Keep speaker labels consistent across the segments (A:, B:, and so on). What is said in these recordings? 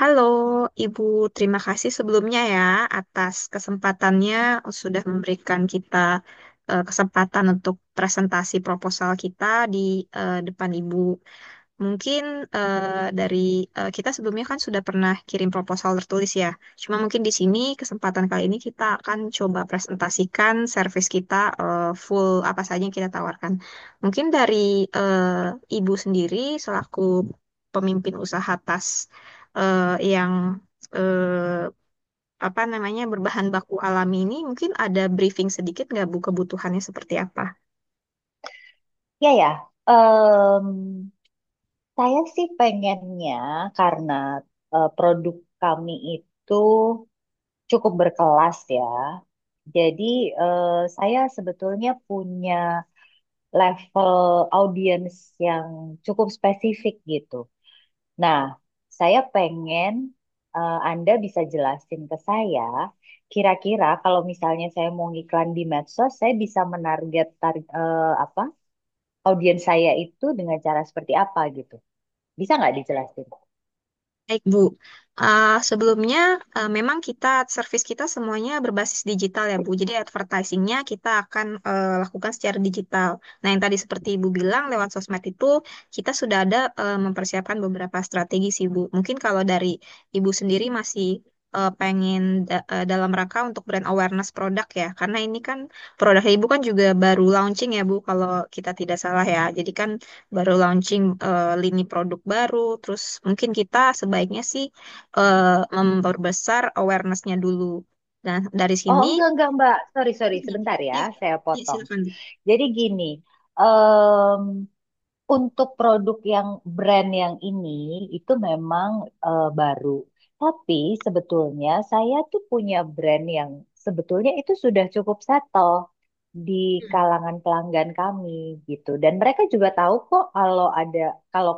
A: Halo, Ibu. Terima kasih sebelumnya ya atas kesempatannya sudah memberikan kita kesempatan untuk presentasi proposal kita di depan Ibu. Mungkin eh, dari kita sebelumnya kan sudah pernah kirim proposal tertulis ya. Cuma mungkin di sini kesempatan kali ini kita akan coba presentasikan service kita full apa saja yang kita tawarkan. Mungkin dari eh, Ibu sendiri selaku pemimpin usaha tas eh, yang eh, apa namanya berbahan baku alami ini mungkin ada briefing sedikit nggak Bu, kebutuhannya seperti apa?
B: Ya, ya, Em, saya sih pengennya karena produk kami itu cukup berkelas ya. Jadi eh, saya sebetulnya punya level audiens yang cukup spesifik gitu. Nah, saya pengen Anda bisa jelasin ke saya, kira-kira kalau misalnya saya mau ngiklan di medsos, saya bisa apa? Audiens saya itu dengan cara seperti apa gitu. Bisa nggak dijelasin?
A: Baik, Bu. Sebelumnya memang kita servis kita semuanya berbasis digital ya, Bu. Jadi advertisingnya kita akan lakukan secara digital. Nah, yang tadi seperti Ibu bilang lewat sosmed itu kita sudah ada mempersiapkan beberapa strategi sih, Bu. Mungkin kalau dari Ibu sendiri masih pengen dalam rangka untuk brand awareness produk ya, karena ini kan produk Ibu kan juga baru launching ya, Bu, kalau kita tidak salah ya. Jadi kan baru launching lini produk baru, terus mungkin kita sebaiknya sih eh, memperbesar awarenessnya dulu. Dan dari
B: Oh,
A: sini,
B: enggak, Mbak. Sorry,
A: terus gini.
B: Sebentar ya,
A: Iya,
B: saya
A: ya
B: potong.
A: silakan.
B: Jadi gini, em, untuk produk yang brand yang ini itu memang baru. Tapi sebetulnya saya tuh punya brand yang sebetulnya itu sudah cukup settle di kalangan pelanggan kami gitu. Dan mereka juga tahu kok kalau ada kalau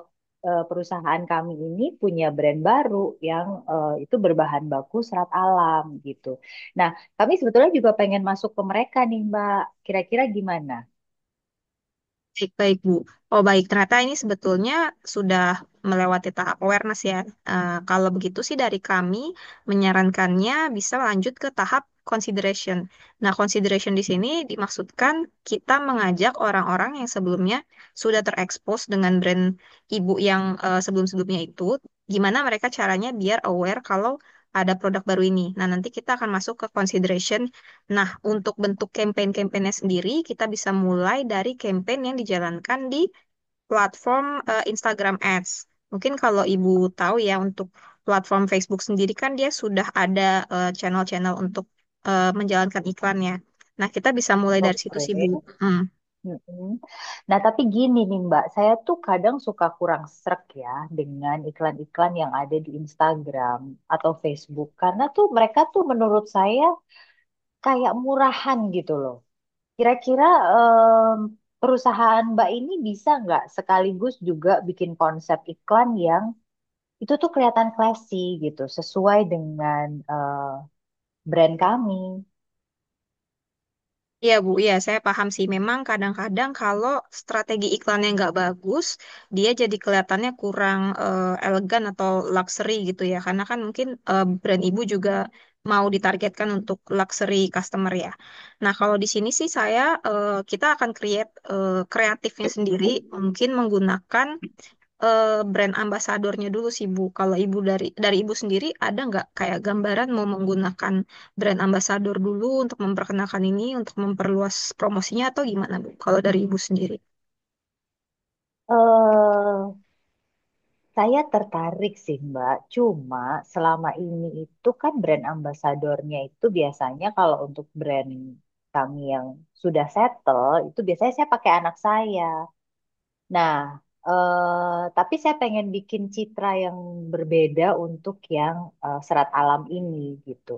B: perusahaan kami ini punya brand baru yang itu berbahan baku serat alam gitu. Nah, kami sebetulnya juga pengen masuk ke mereka nih, Mbak. Kira-kira gimana?
A: Baik-baik, Bu. Oh, baik. Ternyata ini sebetulnya sudah melewati tahap awareness ya. Eh, kalau begitu sih dari kami menyarankannya bisa lanjut ke tahap consideration. Nah, consideration di sini dimaksudkan kita mengajak orang-orang yang sebelumnya sudah terekspos dengan brand ibu yang sebelum-sebelumnya itu, gimana mereka caranya biar aware kalau ada produk baru ini. Nah, nanti kita akan masuk ke consideration. Nah, untuk bentuk campaign-campaignnya sendiri, kita bisa mulai dari campaign yang dijalankan di platform Instagram Ads. Mungkin kalau Ibu tahu ya, untuk platform Facebook sendiri kan dia sudah ada channel-channel untuk menjalankan iklannya. Nah, kita bisa mulai dari situ sih, Bu.
B: Oke.
A: Mm.
B: Mm-mm. Nah, tapi gini nih Mbak, saya tuh kadang suka kurang srek ya dengan iklan-iklan yang ada di Instagram atau Facebook. Karena tuh mereka tuh menurut saya kayak murahan gitu loh. Kira-kira em, perusahaan Mbak ini bisa nggak sekaligus juga bikin konsep iklan yang itu tuh kelihatan classy gitu, sesuai dengan brand kami.
A: Iya Bu, iya saya paham sih. Memang kadang-kadang kalau strategi iklannya nggak bagus, dia jadi kelihatannya kurang elegan atau luxury gitu ya. Karena kan mungkin brand ibu juga mau ditargetkan untuk luxury customer ya. Nah kalau di sini sih saya kita akan create kreatifnya sendiri, mungkin menggunakan eh, brand ambasadornya dulu sih Bu. Kalau Ibu dari Ibu sendiri ada nggak kayak gambaran mau menggunakan brand ambasador dulu untuk memperkenalkan ini, untuk memperluas promosinya atau gimana Bu? Kalau dari Ibu sendiri.
B: Eh Saya tertarik sih Mbak, cuma selama ini itu kan brand ambasadornya itu biasanya kalau untuk brand kami yang sudah settle, itu biasanya saya pakai anak saya. Nah, tapi saya pengen bikin citra yang berbeda untuk yang serat alam ini gitu.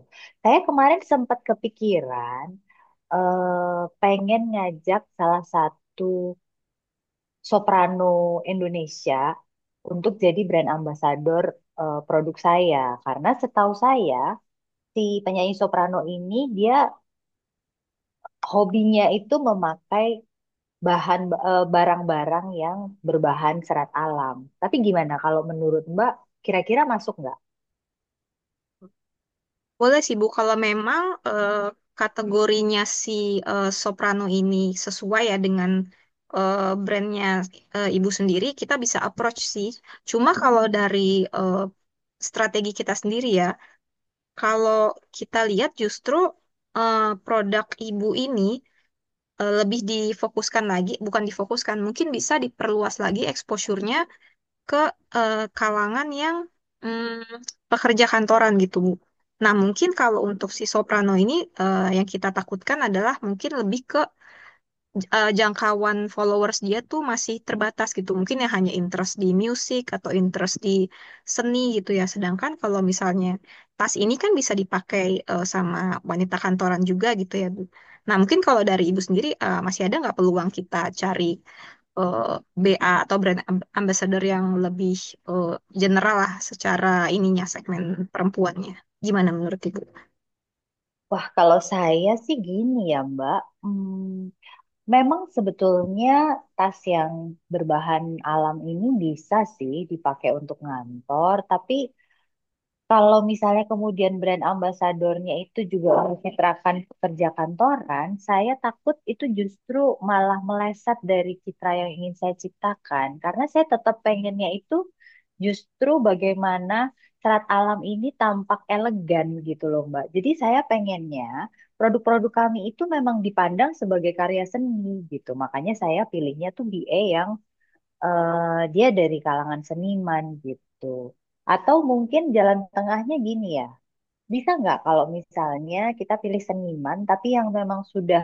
B: Saya kemarin sempat kepikiran pengen ngajak salah satu soprano Indonesia untuk jadi brand ambassador produk saya. Karena setahu saya, si penyanyi soprano ini dia hobinya itu memakai bahan barang-barang yang berbahan serat alam. Tapi gimana kalau menurut Mbak, kira-kira masuk nggak?
A: Boleh sih Bu, kalau memang kategorinya si Soprano ini sesuai ya dengan brandnya Ibu sendiri, kita bisa approach sih. Cuma kalau dari eh, strategi kita sendiri ya, kalau kita lihat justru produk ibu ini lebih difokuskan lagi, bukan difokuskan, mungkin bisa diperluas lagi exposure-nya ke kalangan yang pekerja kantoran gitu, Bu. Nah, mungkin kalau untuk si soprano ini yang kita takutkan adalah mungkin lebih ke jangkauan followers dia tuh masih terbatas gitu. Mungkin ya hanya interest di musik atau interest di seni gitu ya. Sedangkan kalau misalnya tas ini kan bisa dipakai sama wanita kantoran juga gitu ya, Bu. Nah, mungkin kalau dari Ibu sendiri masih ada nggak peluang kita cari eh, BA atau brand ambassador yang lebih eh, general lah secara ininya segmen perempuannya. Gimana menurut Ibu?
B: Wah, kalau saya sih gini ya, Mbak. Hmm, Memang sebetulnya tas yang berbahan alam ini bisa sih dipakai untuk ngantor, tapi kalau misalnya kemudian brand ambasadornya itu juga mencitrakan pekerja kantoran, saya takut itu justru malah meleset dari citra yang ingin saya ciptakan. Karena saya tetap pengennya itu justru bagaimana serat alam ini tampak elegan gitu loh Mbak. Jadi saya pengennya produk-produk kami itu memang dipandang sebagai karya seni gitu. Makanya saya pilihnya tuh BA yang dia dari kalangan seniman gitu. Atau mungkin jalan tengahnya gini ya. Bisa nggak kalau misalnya kita pilih seniman tapi yang memang sudah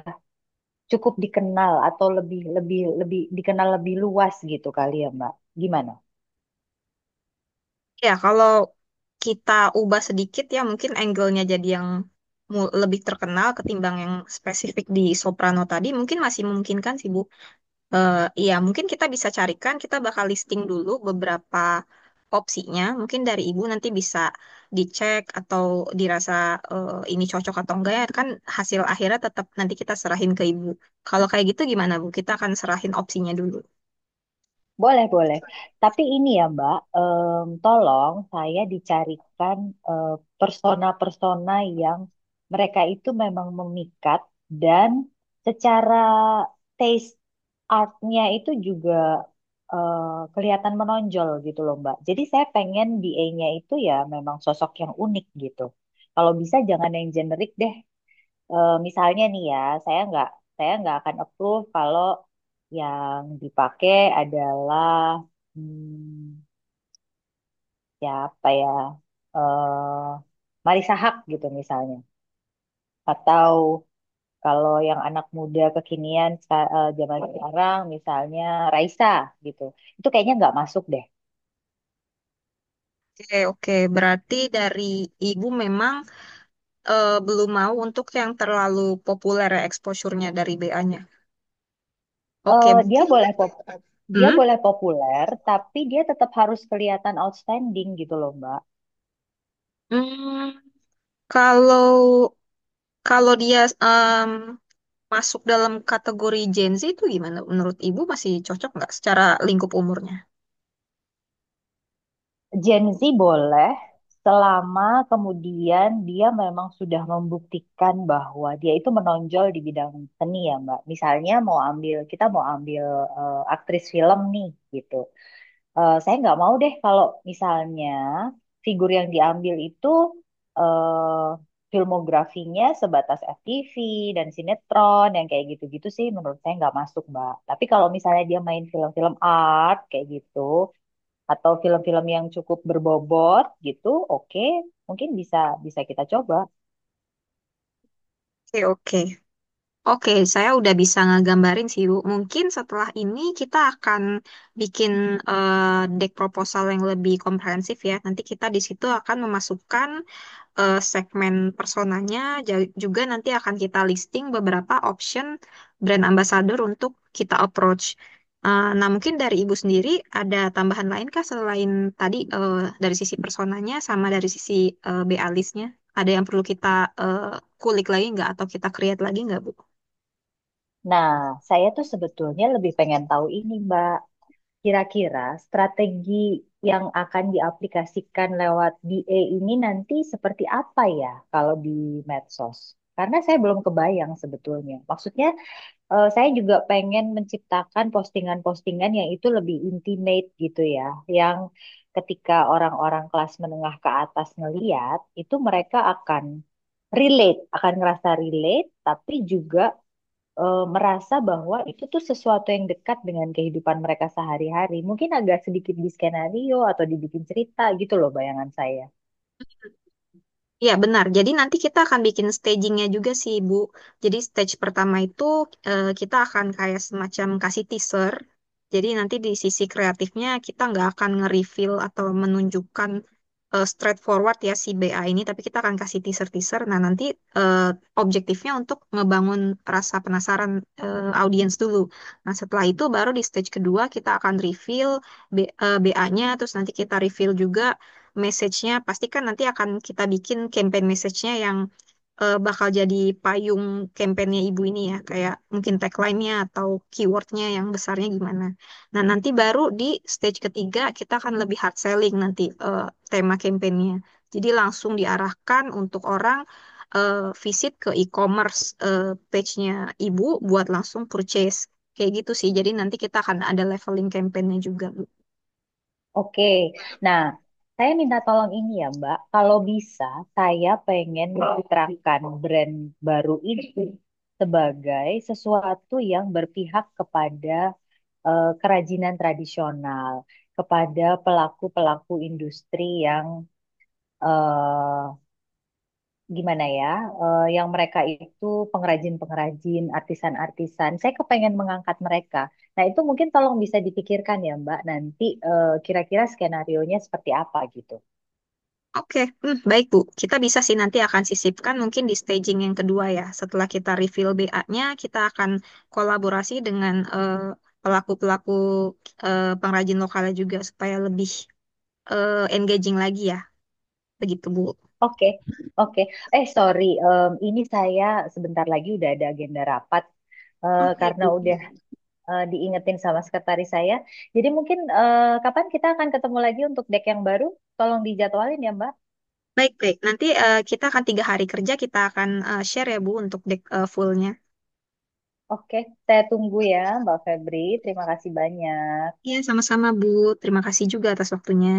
B: cukup dikenal atau lebih lebih lebih dikenal lebih luas gitu kali ya Mbak? Gimana?
A: Ya, kalau kita ubah sedikit ya mungkin angle-nya jadi yang lebih terkenal ketimbang yang spesifik di soprano tadi, mungkin masih memungkinkan sih Bu. Eh, iya, mungkin kita bisa carikan, kita bakal listing dulu beberapa opsinya. Mungkin dari Ibu nanti bisa dicek atau dirasa ini cocok atau enggak ya, kan hasil akhirnya tetap nanti kita serahin ke Ibu. Kalau kayak gitu gimana Bu? Kita akan serahin opsinya dulu.
B: Boleh, boleh. Tapi ini ya, Mbak, tolong saya dicarikan eh, persona-persona yang mereka itu memang memikat dan secara taste artnya itu juga eh, kelihatan menonjol gitu loh, Mbak. Jadi saya pengen BA-nya itu ya memang sosok yang unik gitu. Kalau bisa jangan yang generik deh. Eh, misalnya nih ya, saya nggak saya nggak akan approve kalau yang dipakai adalah hmm, siapa ya, eh Marisa Haque gitu misalnya, atau kalau yang anak muda zaman sekarang misalnya Raisa gitu, itu kayaknya nggak masuk deh.
A: Oke, oke. Berarti dari Ibu memang belum mau untuk yang terlalu populer ya exposure-nya dari BA-nya. Oke,
B: Eh, dia
A: mungkin.
B: boleh pop, dia
A: Hmm?
B: boleh populer, tapi dia tetap harus kelihatan outstanding gitu loh, Mbak.
A: Hmm, kalau kalau dia em, masuk dalam kategori Gen Z itu gimana? Menurut Ibu masih cocok nggak secara lingkup umurnya?
B: Gen Z boleh selama kemudian dia memang sudah membuktikan bahwa dia itu menonjol di bidang seni ya Mbak. Misalnya mau ambil kita mau ambil aktris film nih gitu. Eh, saya nggak mau deh kalau misalnya figur yang diambil itu eh filmografinya sebatas FTV dan sinetron yang kayak gitu-gitu sih menurut saya nggak masuk Mbak. Tapi kalau misalnya dia main film-film art kayak gitu atau film-film yang cukup berbobot gitu, oke, mungkin bisa bisa kita coba.
A: Oke, oke. Oke, saya udah bisa ngegambarin sih, Bu. Mungkin setelah ini kita akan bikin deck proposal yang lebih komprehensif ya. Nanti kita di situ akan memasukkan segmen personanya juga nanti akan kita listing beberapa option brand ambassador untuk kita approach. Eh, nah, mungkin dari Ibu sendiri ada tambahan lain kah selain tadi dari sisi personanya sama dari sisi BA listnya? Ada yang perlu kita eh, kulik lagi nggak atau kita create lagi nggak, Bu?
B: Nah, saya tuh sebetulnya lebih pengen tahu ini, Mbak. Kira-kira strategi yang akan diaplikasikan lewat DA ini nanti seperti apa ya kalau di medsos? Karena saya belum kebayang sebetulnya. Maksudnya saya juga pengen menciptakan postingan-postingan yang itu lebih intimate gitu ya, yang ketika orang-orang kelas menengah ke atas ngeliat, itu mereka akan ngerasa relate, tapi juga merasa bahwa itu tuh sesuatu yang dekat dengan kehidupan mereka sehari-hari. Mungkin agak sedikit di skenario atau dibikin cerita gitu loh bayangan saya.
A: Ya, benar. Jadi nanti kita akan bikin stagingnya juga sih, Bu. Jadi stage pertama itu kita akan kayak semacam kasih teaser. Jadi nanti di sisi kreatifnya kita nggak akan nge-reveal atau menunjukkan straightforward ya si BA ini, tapi kita akan kasih teaser-teaser. Nah, nanti eh, objektifnya untuk ngebangun rasa penasaran audiens dulu. Nah, setelah itu baru di stage kedua kita akan reveal BA-nya, terus nanti kita reveal juga message-nya pasti kan nanti akan kita bikin campaign message-nya yang bakal jadi payung campaign-nya ibu ini ya, kayak mungkin tagline-nya atau keyword-nya yang besarnya gimana. Nah, nanti baru di stage ketiga kita akan lebih hard selling nanti tema campaign-nya. Jadi langsung diarahkan untuk orang eh, visit ke e-commerce eh, page-nya ibu buat langsung purchase. Kayak gitu sih. Jadi nanti kita akan ada leveling campaign-nya juga.
B: Oke, nah saya minta tolong ini ya Mbak, kalau bisa saya pengen mencitrakan brand baru ini sebagai sesuatu yang berpihak kepada kerajinan tradisional, kepada pelaku-pelaku industri yang eh, gimana ya, yang mereka itu pengrajin-pengrajin, artisan-artisan. Saya kepengen mengangkat mereka. Nah, itu mungkin tolong bisa dipikirkan ya, Mbak, nanti kira-kira skenario-nya seperti apa gitu.
A: Oke, hmm, baik Bu. Kita bisa sih nanti akan sisipkan mungkin di staging yang kedua ya. Setelah kita reveal BA-nya, kita akan kolaborasi dengan pelaku-pelaku pengrajin lokalnya juga supaya lebih engaging lagi ya. Begitu Bu.
B: Oke, oke. Eh, sorry, ini saya sebentar lagi udah ada agenda rapat. eh,
A: Oh, baik
B: karena
A: Bu.
B: udah eh, diingetin sama sekretaris saya. Jadi mungkin kapan kita akan ketemu lagi untuk deck yang baru? Tolong dijadwalin ya, Mbak.
A: Baik, baik. Nanti kita akan tiga hari kerja, kita akan share ya Bu untuk dek fullnya.
B: Oke, saya tunggu ya, Mbak Febri. Terima kasih banyak.
A: Iya, sama-sama Bu. Terima kasih juga atas waktunya.